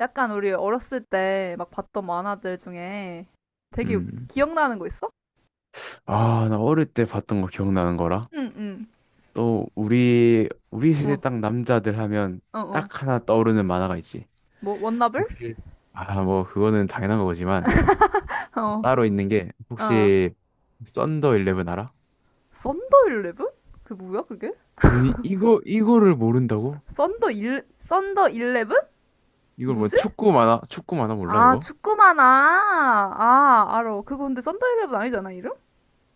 약간 우리 어렸을 때 막 봤던 만화들 중에 되게 음. 기억나는 거 있어? 아, 나 어릴 때 봤던 거 기억나는 거라. 응, 응. 또 우리 세대 어, 딱 남자들 하면 어, 어. 딱 하나 떠오르는 만화가 있지. 뭐, 원나블? 혹시 아, 뭐 그거는 당연한 거지만 어, 따로 있는 게 어. 혹시 썬더 일레븐 알아? 썬더 일레븐? 그 뭐야, 그게? 아니 이거를 모른다고? 썬더 일, 썬더 일레븐? 이걸 뭐 뭐지? 축구 만화 몰라 아, 이거? 축구 만화. 아, 알어. 그거 근데 썬더 일레븐 아니잖아, 이름?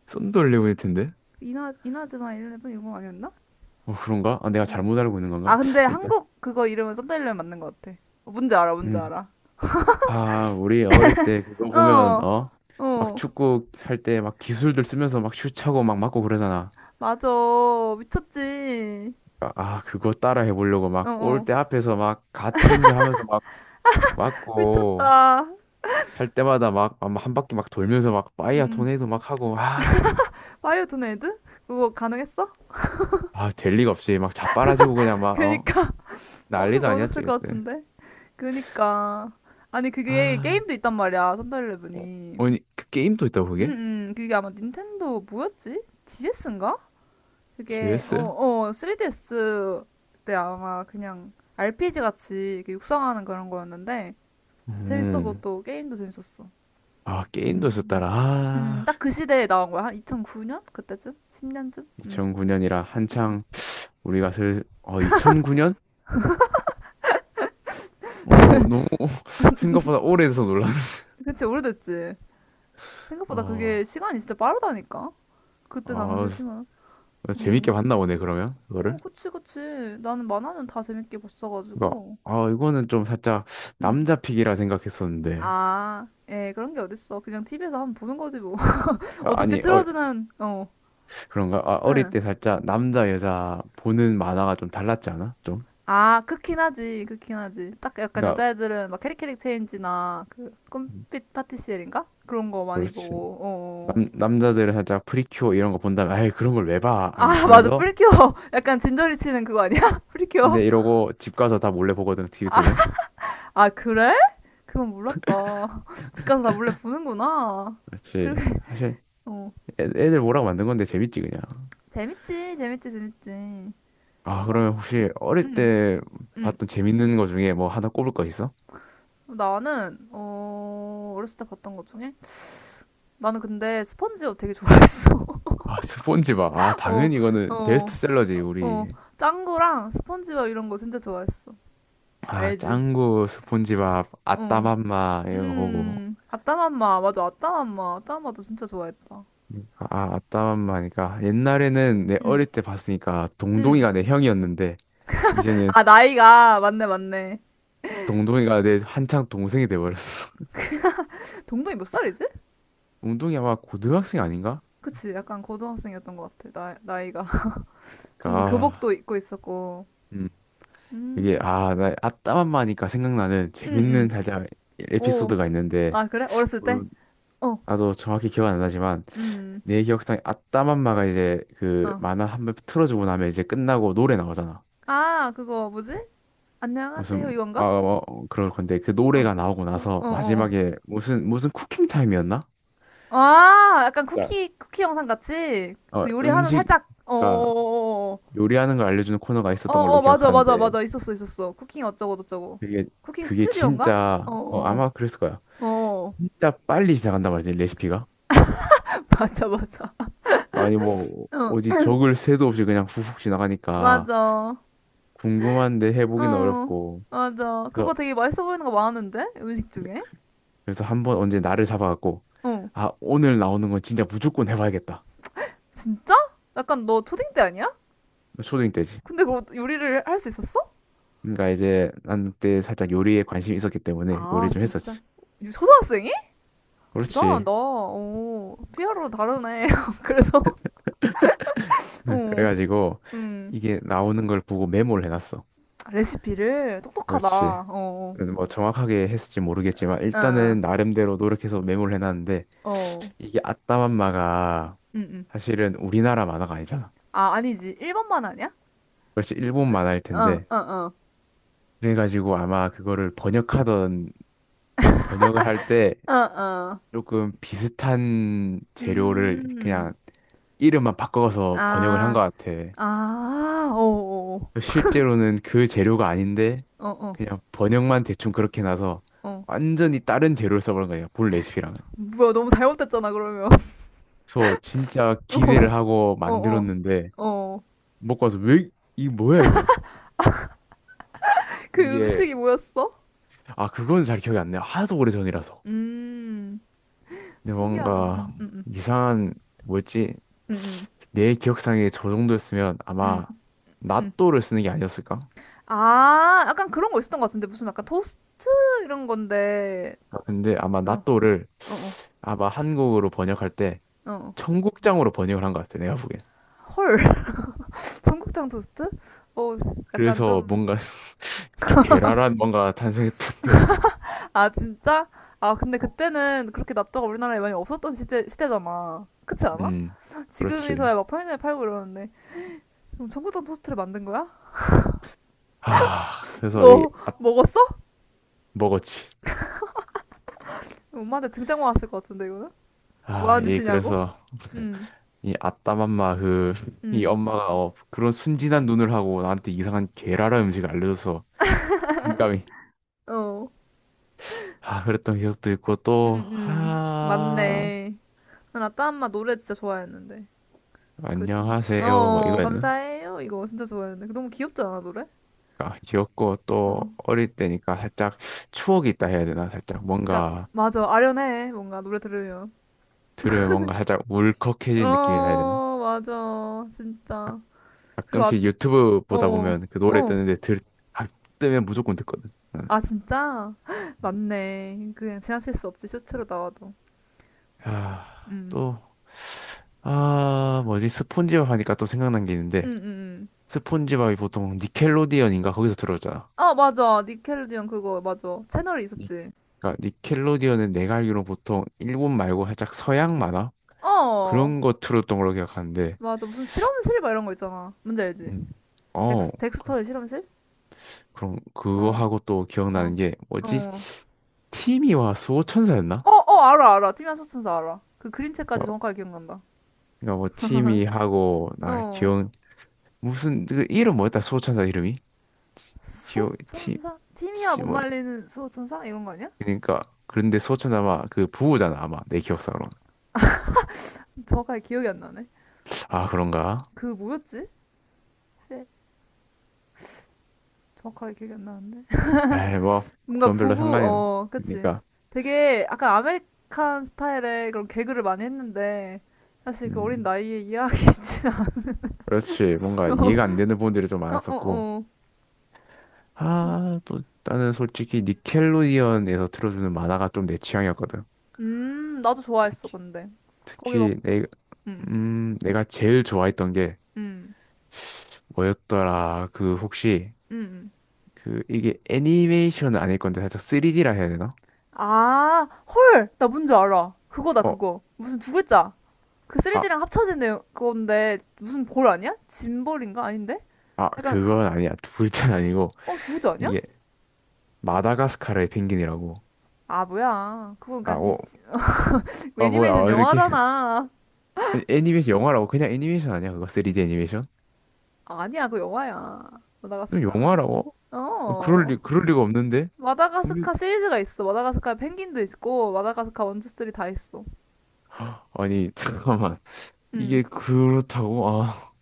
썬더 일레븐일 텐데. 이나, 이나즈마 일레븐 이거 아니었나? 어 그런가? 아, 내가 음. 잘못 알고 있는 아, 건가? 근데 일단 한국 그거 이름은 썬더 일레븐 맞는 것 같아. 어, 뭔지 알아, 뭔지 음. 알아. 아, 우리 어릴 때 그거 보면, 어, 어? 막 어. 축구 할 때 막 기술들 쓰면서 막 슛하고 막 맞고 그러잖아. 맞아. 미쳤지. 아, 아, 그거 따라 해보려고 막 어어. 골대 앞에서 막 갓핸드 하면서 막 맞고, 미쳤다. 찰 때마다 막 한 바퀴 막 돌면서 막 파이어 음. 토네이도 막 하고, 아, 파이어존 애드? 그거 가능했어? 아, 될 리가 없이 막 자빠라지고 그냥 막, 어? 그니까. 엄청 난리도 아니었지, 넣어줬을 것 그때. 같은데. 그니까. 아니, 그게 아, 게임도 있단 말이야. 선더일레븐이 어, 아니, 그 게임도 있다고 그게? 응응 그게 아마 닌텐도 뭐였지? GS인가? 그게, 어, GS? 어, 3DS 때 아마 그냥 RPG 같이 이렇게 육성하는 그런 거였는데. 재밌어, 음, 그것도. 게임도 재밌었어. 아, 게임도 있었더라. 아, 딱 그 시대에 나온 거야. 한 2009년? 그때쯤? 10년쯤? 2009년이라 한창. 우리가 슬, 어, 2009년? 어, 너무 생각보다 오래돼서 놀랐네. 그치, 오래됐지. 생각보다 어, 그게 시간이 진짜 빠르다니까. 그때 당시에 아, 심은. 재밌게 봤나 보네, 그러면, 그거를. 어, 그치, 그치. 나는 만화는 다 재밌게 그러니까, 봤어가지고. 아, 이거는 좀 살짝 응. 남자 픽이라 생각했었는데. 아, 예, 그런 게 어딨어. 그냥 TV에서 한번 보는 거지, 뭐. 아, 어차피 니 어, 틀어주는, 어. 그런가? 아, 어릴 응. 때 살짝 남자, 여자 보는 만화가 좀 달랐지 않아? 좀? 아, 크긴 하지, 크긴 하지. 딱 약간 그러니까, 여자애들은 막 캐릭캐릭 체인지나 그 음, 꿈빛 파티시엘인가? 그런 거 많이 그렇지. 보고, 어. 남, 어. 남자들은 살짝 프리큐어 이런 거 본다면, 아이, 그런 걸 왜 봐? 아, 아니, 맞아, 하면서. 프리큐어. 약간 진저리 치는 그거 아니야? 프리큐어. 근데 이러고 집 가서 다 몰래 보거든, TV 아, 틀면. 아, 그래? 그건 몰랐다. 집 가서 나 몰래 보는구나. 그렇게 그렇지. 사실 어 애들 보라고 만든 건데 재밌지, 그냥. 재밌지 재밌지 재밌지. 아, 맞. 그러면 혹시 어릴 응 때 응. 봤던 재밌는 거 중에 뭐 하나 꼽을 거 있어? 나는 어 어렸을 때 봤던 것 중에 나는 근데 스펀지밥 되게 좋아했어. 아, 스폰지밥. 아, 어 당연히 이거는 어 베스트셀러지, 어 우리. 짱구랑 스펀지밥 이런 거 진짜 좋아했어. 아, 알지? 짱구, 스폰지밥, 어. 아따맘마, 이런 거 보고. 음. 아따맘마 맞아 아따맘마 아따맘마도 진짜 좋아했다. 아, 아, 아따맘마니까. 옛날에는 내 응 어릴 때 봤으니까 응. 동동이가 내 형이었는데, 이제는 아 나이가 맞네 맞네. 동동이가 내 한창 동생이 돼버렸어. 동동이 몇 살이지? 동동이 아마 고등학생 아닌가? 그치, 약간 고등학생이었던 것 같아, 나, 나이가. 뭔가 아, 교복도 입고 있었고. 음. 이게, 음, 아, 나 아따맘마니까 생각나는 응, 재밌는 응. 살짝 오, 에피소드가 있는데, 아, 그래? 어렸을 때? 물론 어, 나도 정확히 기억은 안 나지만 음, 내 기억상에 아따맘마가 이제 그 어. 만화 한 번 틀어주고 나면 이제 끝나고 노래 나오잖아. 아, 그거 뭐지? 무슨 안녕하세요, 아 이건가? 어, 그럴 건데 그 어, 노래가 나오고 어, 나서 어, 어. 어. 마지막에 무슨 무슨 쿠킹 타임이었나? 아, 약간 자, 쿠키, 쿠키 영상 같이? 어 그 요리하는 음식 살짝, 어, 그러니까 어, 요리하는 걸 알려주는 코너가 어, 어, 있었던 어, 어, 걸로 어, 맞아, 맞아, 기억하는데 맞아. 있었어, 있었어. 쿠킹 어쩌고저쩌고. 그게 쿠킹 그게 스튜디오인가? 어, 진짜 어 어, 아마 그랬을 거야. 어. 어, 진짜 빨리 지나간단 말이지 레시피가. 맞아, 맞아. 아니 뭐 어, 어디 적을 새도 없이 그냥 훅훅 지나가니까 맞아. 궁금한데 해보기는 어, 어렵고. 맞아. 그거 그래서 되게 맛있어 보이는 거 많은데? 음식 중에? 그- 그래서 한 번 언제 나를 잡아갖고 어, 아 오늘 나오는 건 진짜 무조건 해봐야겠다. 진짜? 약간 너 초딩 때 아니야? 초딩 때지. 근데 그거 요리를 할 수 있었어? 그러니까 이제 난 그때 살짝 요리에 관심이 있었기 때문에 아, 요리 좀 진짜. 했었지. 초등학생이? 대단하다. 그렇지. 어, 피아로 다르네. 그래서, 네, 어, 그래가지고 음, 이게 나오는 걸 보고 메모를 해놨어. 레시피를 그렇지. 똑똑하다. 어, 그래도 뭐 정확하게 했을지 모르겠지만 어, 어, 일단은 나름대로 노력해서 메모를 해놨는데 어, 이게 아따맘마가 음, 음. 사실은 우리나라 만화가 아니잖아. 아, 아니지. 1번만 아니야? 그렇지 일본 응, 만화일 어, 텐데 어, 그래가지고 아마 그거를 번역하던 번역을 할때 어, 어, 어. 조금 비슷한 재료를 음, 그냥 이름만 바꿔서 번역을 한 아, 것 같아. 아, 어, 어, 실제로는 그 재료가 아닌데 어, 어. 그냥 번역만 대충 그렇게 나서 어. 완전히 다른 재료를 써버린 거예요. 본 레시피랑은. 뭐야, 너무 잘못됐잖아, 그러면. 그래서 진짜 어, 기대를 하고 어, 어. 만들었는데 어. 먹고 와서 왜, 이 뭐야 이거? 그 그 이게 음식이 뭐였어? 아 그건 잘 기억이 안 나요. 하도 오래전이라서. 음, 근데 신기하다. 뭔가 이상한 뭐였지? 음, 음, 내 기억상에 저 정도였으면 음. 아마 음. 낫또를 쓰는 게 아니었을까? 아, 약간 그런 거 있었던 것 같은데. 무슨 약간 토스트 이런 건데. 근데 아마 어, 나또를 어, 어, 아마 한국어로 번역할 때 어. 어. 청국장으로 번역을 한 것 같아, 내가 보기엔. 헐, 청국장 토스트? 어, 약간 그래서 좀. 뭔가 좀 괴랄한 뭔가 탄생했던 기억이. 아, 진짜? 아, 근데 어, 그때는 그렇게 납도가 우리나라에 많이 없었던 시대, 시대잖아. 그렇지 않아? 음, 지금이서야 그렇지. 막 편의점에 팔고 이러는데. 그럼 청국장 토스트를 만든 거야? 아, 그래서 이 너 아, 먹었어? 먹었지. 엄마한테 등짝 맞았을 것 같은데 이거는 뭐 아, 하는 이 짓이냐고? 그래서 응, 이 아따맘마 그 이 응, 엄마가 어, 그런 순진한 눈을 하고 나한테 이상한 괴랄한 음식을 알려줘서 민감히 어, 아 그랬던 기억도 있고 응, 또 응, 아 맞네. 난 아따 엄마 노래 진짜 좋아했는데. 그, 신- 안녕하세요 뭐 어, 이거였나? 감사해요. 이거 진짜 좋아했는데. 그 너무 귀엽지 않아 노래? 그러니까 귀엽고 또 어, 어릴 때니까 살짝 추억이 있다 해야 되나? 살짝 그러니까 뭔가 맞아 아련해 뭔가 노래 들으면. 들으면 뭔가 살짝 울컥해진 느낌이라 해야 되나? 어, 맞아 가- 진짜. 그리고 아, 가끔씩 유튜브 보다 어, 보면 그 노래 어, 뜨는데 들, 아, 뜨면 무조건 듣거든. 응. 아 진짜? 맞네. 그냥 지나칠 수 없지 쇼츠로 나와도. 아, 응, 또, 아, 뭐지? 스폰지밥 하니까 또 생각난 게 응, 있는데, 응. 응. 스폰지밥이 보통 니켈로디언인가? 거기서 들었잖아. 어, 맞아. 니켈로디언 그거, 맞아. 채널이 니- 있었지. 그러니까 니켈로디언은 내가 알기로 보통 일본 말고 살짝 서양 만화? 어, 그런 거 틀었던 걸로 기억하는데, 맞아. 무슨 실험실 막 이런 거 있잖아. 뭔지 알지? 음. 어, 덱스, 덱스터의 실험실? 그럼 그거 어, 하고 또 기억나는 어, 게 뭐지? 어. 티미와 수호천사였나? 어, 어, 알아, 알아. 티미아 소천사 알아. 그 그림체까지 그러니까 정확하게 기억난다. 그러니까 뭐 티미하고 나 어. 기억 무슨 그 이름 뭐였다? 수호천사 이름이? 지- 기억 티 소천사? 티미아 씨, 못 뭐 말리는 소천사? 이런 거 아니야? 그러니까 그런데 수호천사 아마 그 부호잖아 아마 내 기억상으로. 정확하게 기억이 안 나네. 아 그런가? 그 뭐였지? 네, 정확하게 기억이 안 나는데. 에이 뭐 뭔가 그건 별로 부부, 상관이 없러 어, 니 그치. 까 되게 약간 아메리칸 스타일의 그런 개그를 많이 했는데, 사실 그 어린 음 나이에 이해하기 쉽진 않죠. 그렇지 뭔가 이해가 안 어, 되는 부분들이 좀 어, 많았었고. 어. 좀, 아, 또 나는 솔직히 니켈로디언에서 틀어주는 만화가 좀 내 취향이었거든. 나도 좋아했어, 특히 근데. 거기 막, 특히 내 음, 내가 제일 좋아했던 게 음, 뭐였더라? 그 혹시 음. 그 이게 애니메이션은 아닐 건데 살짝 3D라 해야 되나? 아, 헐! 나 뭔지 알아. 그거다, 어, 그거. 무슨 두 글자. 그 아, 3D랑 합쳐진 내용, 그건데, 무슨 볼 아니야? 짐볼인가? 아닌데? 아, 약간, 그건 아니야. 둘째 아니고 어, 두 글자 아니야? 이게 마다가스카르의 펭귄이라고. 아, 뭐야. 그건 아, 그냥 디- 어, 아 뭐야? 애니메이션 아, 이렇게 영화잖아. 애니메이션 영화라고 그냥 애니메이션 아니야? 그거 3D 애니메이션? 아니야, 그 영화야. 그럼 마다가스카. 영화라고? 어, 그럴 어. 리 그럴 리가 없는데. 분명- 마다가스카 시리즈가 있어. 마다가스카 펭귄도 있고, 마다가스카 스 2, 이다 있어. 아니, 잠깐만. 응. 이게 그렇다고? 아,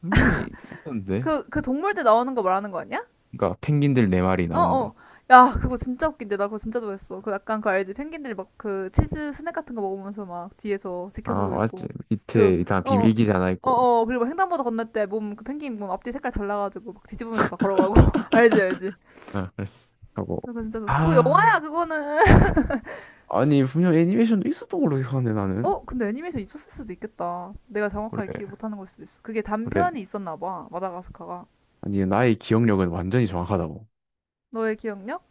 분명히 있던데. 그, 그 동물 때 나오는 거 말하는 거 아니야? 그러니까 펭귄들 네 마리 어, 나오는 어. 거. 야, 그거 진짜 웃긴데. 나 그거 진짜 좋아했어. 그 약간 그 알지? 펭귄들이 막 그 치즈 스낵 같은 거 먹으면서 막 뒤에서 아, 지켜보고 맞지. 있고. 그, 밑에 다 어, 비밀기지 하나 어, 있고. 어. 그리고 횡단보도 건널 때 몸, 그 펭귄 몸 앞뒤 색깔 달라가지고 막 뒤집으면서 막 걸어가고. 알지, 알지? 아, 그랬어. 하고. 그거 진짜 좋았어. 그거 영화야, 아, 그거는. 아니, 분명 애니메이션도 있었던 걸로 기억하는데, 나는. 어? 근데 애니메이션 있었을 수도 있겠다. 내가 정확하게 그래, 기억 못하는 걸 수도 있어. 그게 그래. 단편이 있었나 봐. 마다가스카가. 아니, 나의 기억력은 완전히 정확하다고. 너의 기억력?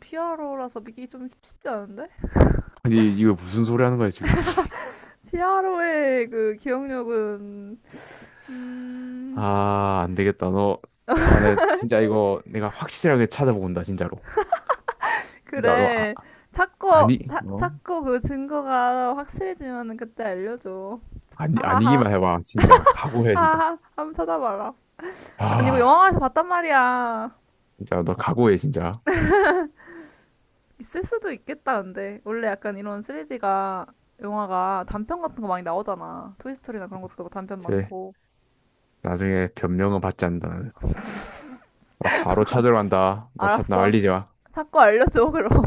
피아로라서 믿기 좀 쉽지 않은데? 아니, 이거 무슨 소리 하는 거야, 지금. 피아로의 그 기억력은 음 아, 안 되겠다. 너, 나, 내 진짜 이거 내가 확실하게 찾아본다, 진짜로. 진짜 너, 아, 그래 찾고 아니, 차, 어? 찾고 그 증거가 확실해지면 그때 알려줘. 아니, 하하하 아니기만 해봐. 진짜. 각오해, 진짜. 하하 한번 찾아봐라. 난 이거 아. 영화관에서 봤단 말이야. 진짜 너 각오해 진짜. 있을 수도 있겠다, 근데. 원래 약간 이런 3D가, 영화가 단편 같은 거 많이 나오잖아. 토이스토리나 그런 것도 단편 쟤 많고. 나중에 변명은 받지 않는다. 나는. 나 바로 찾으러 간다. 나 나 알았어. 말리지 마. 자꾸 알려줘, 그럼.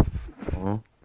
어?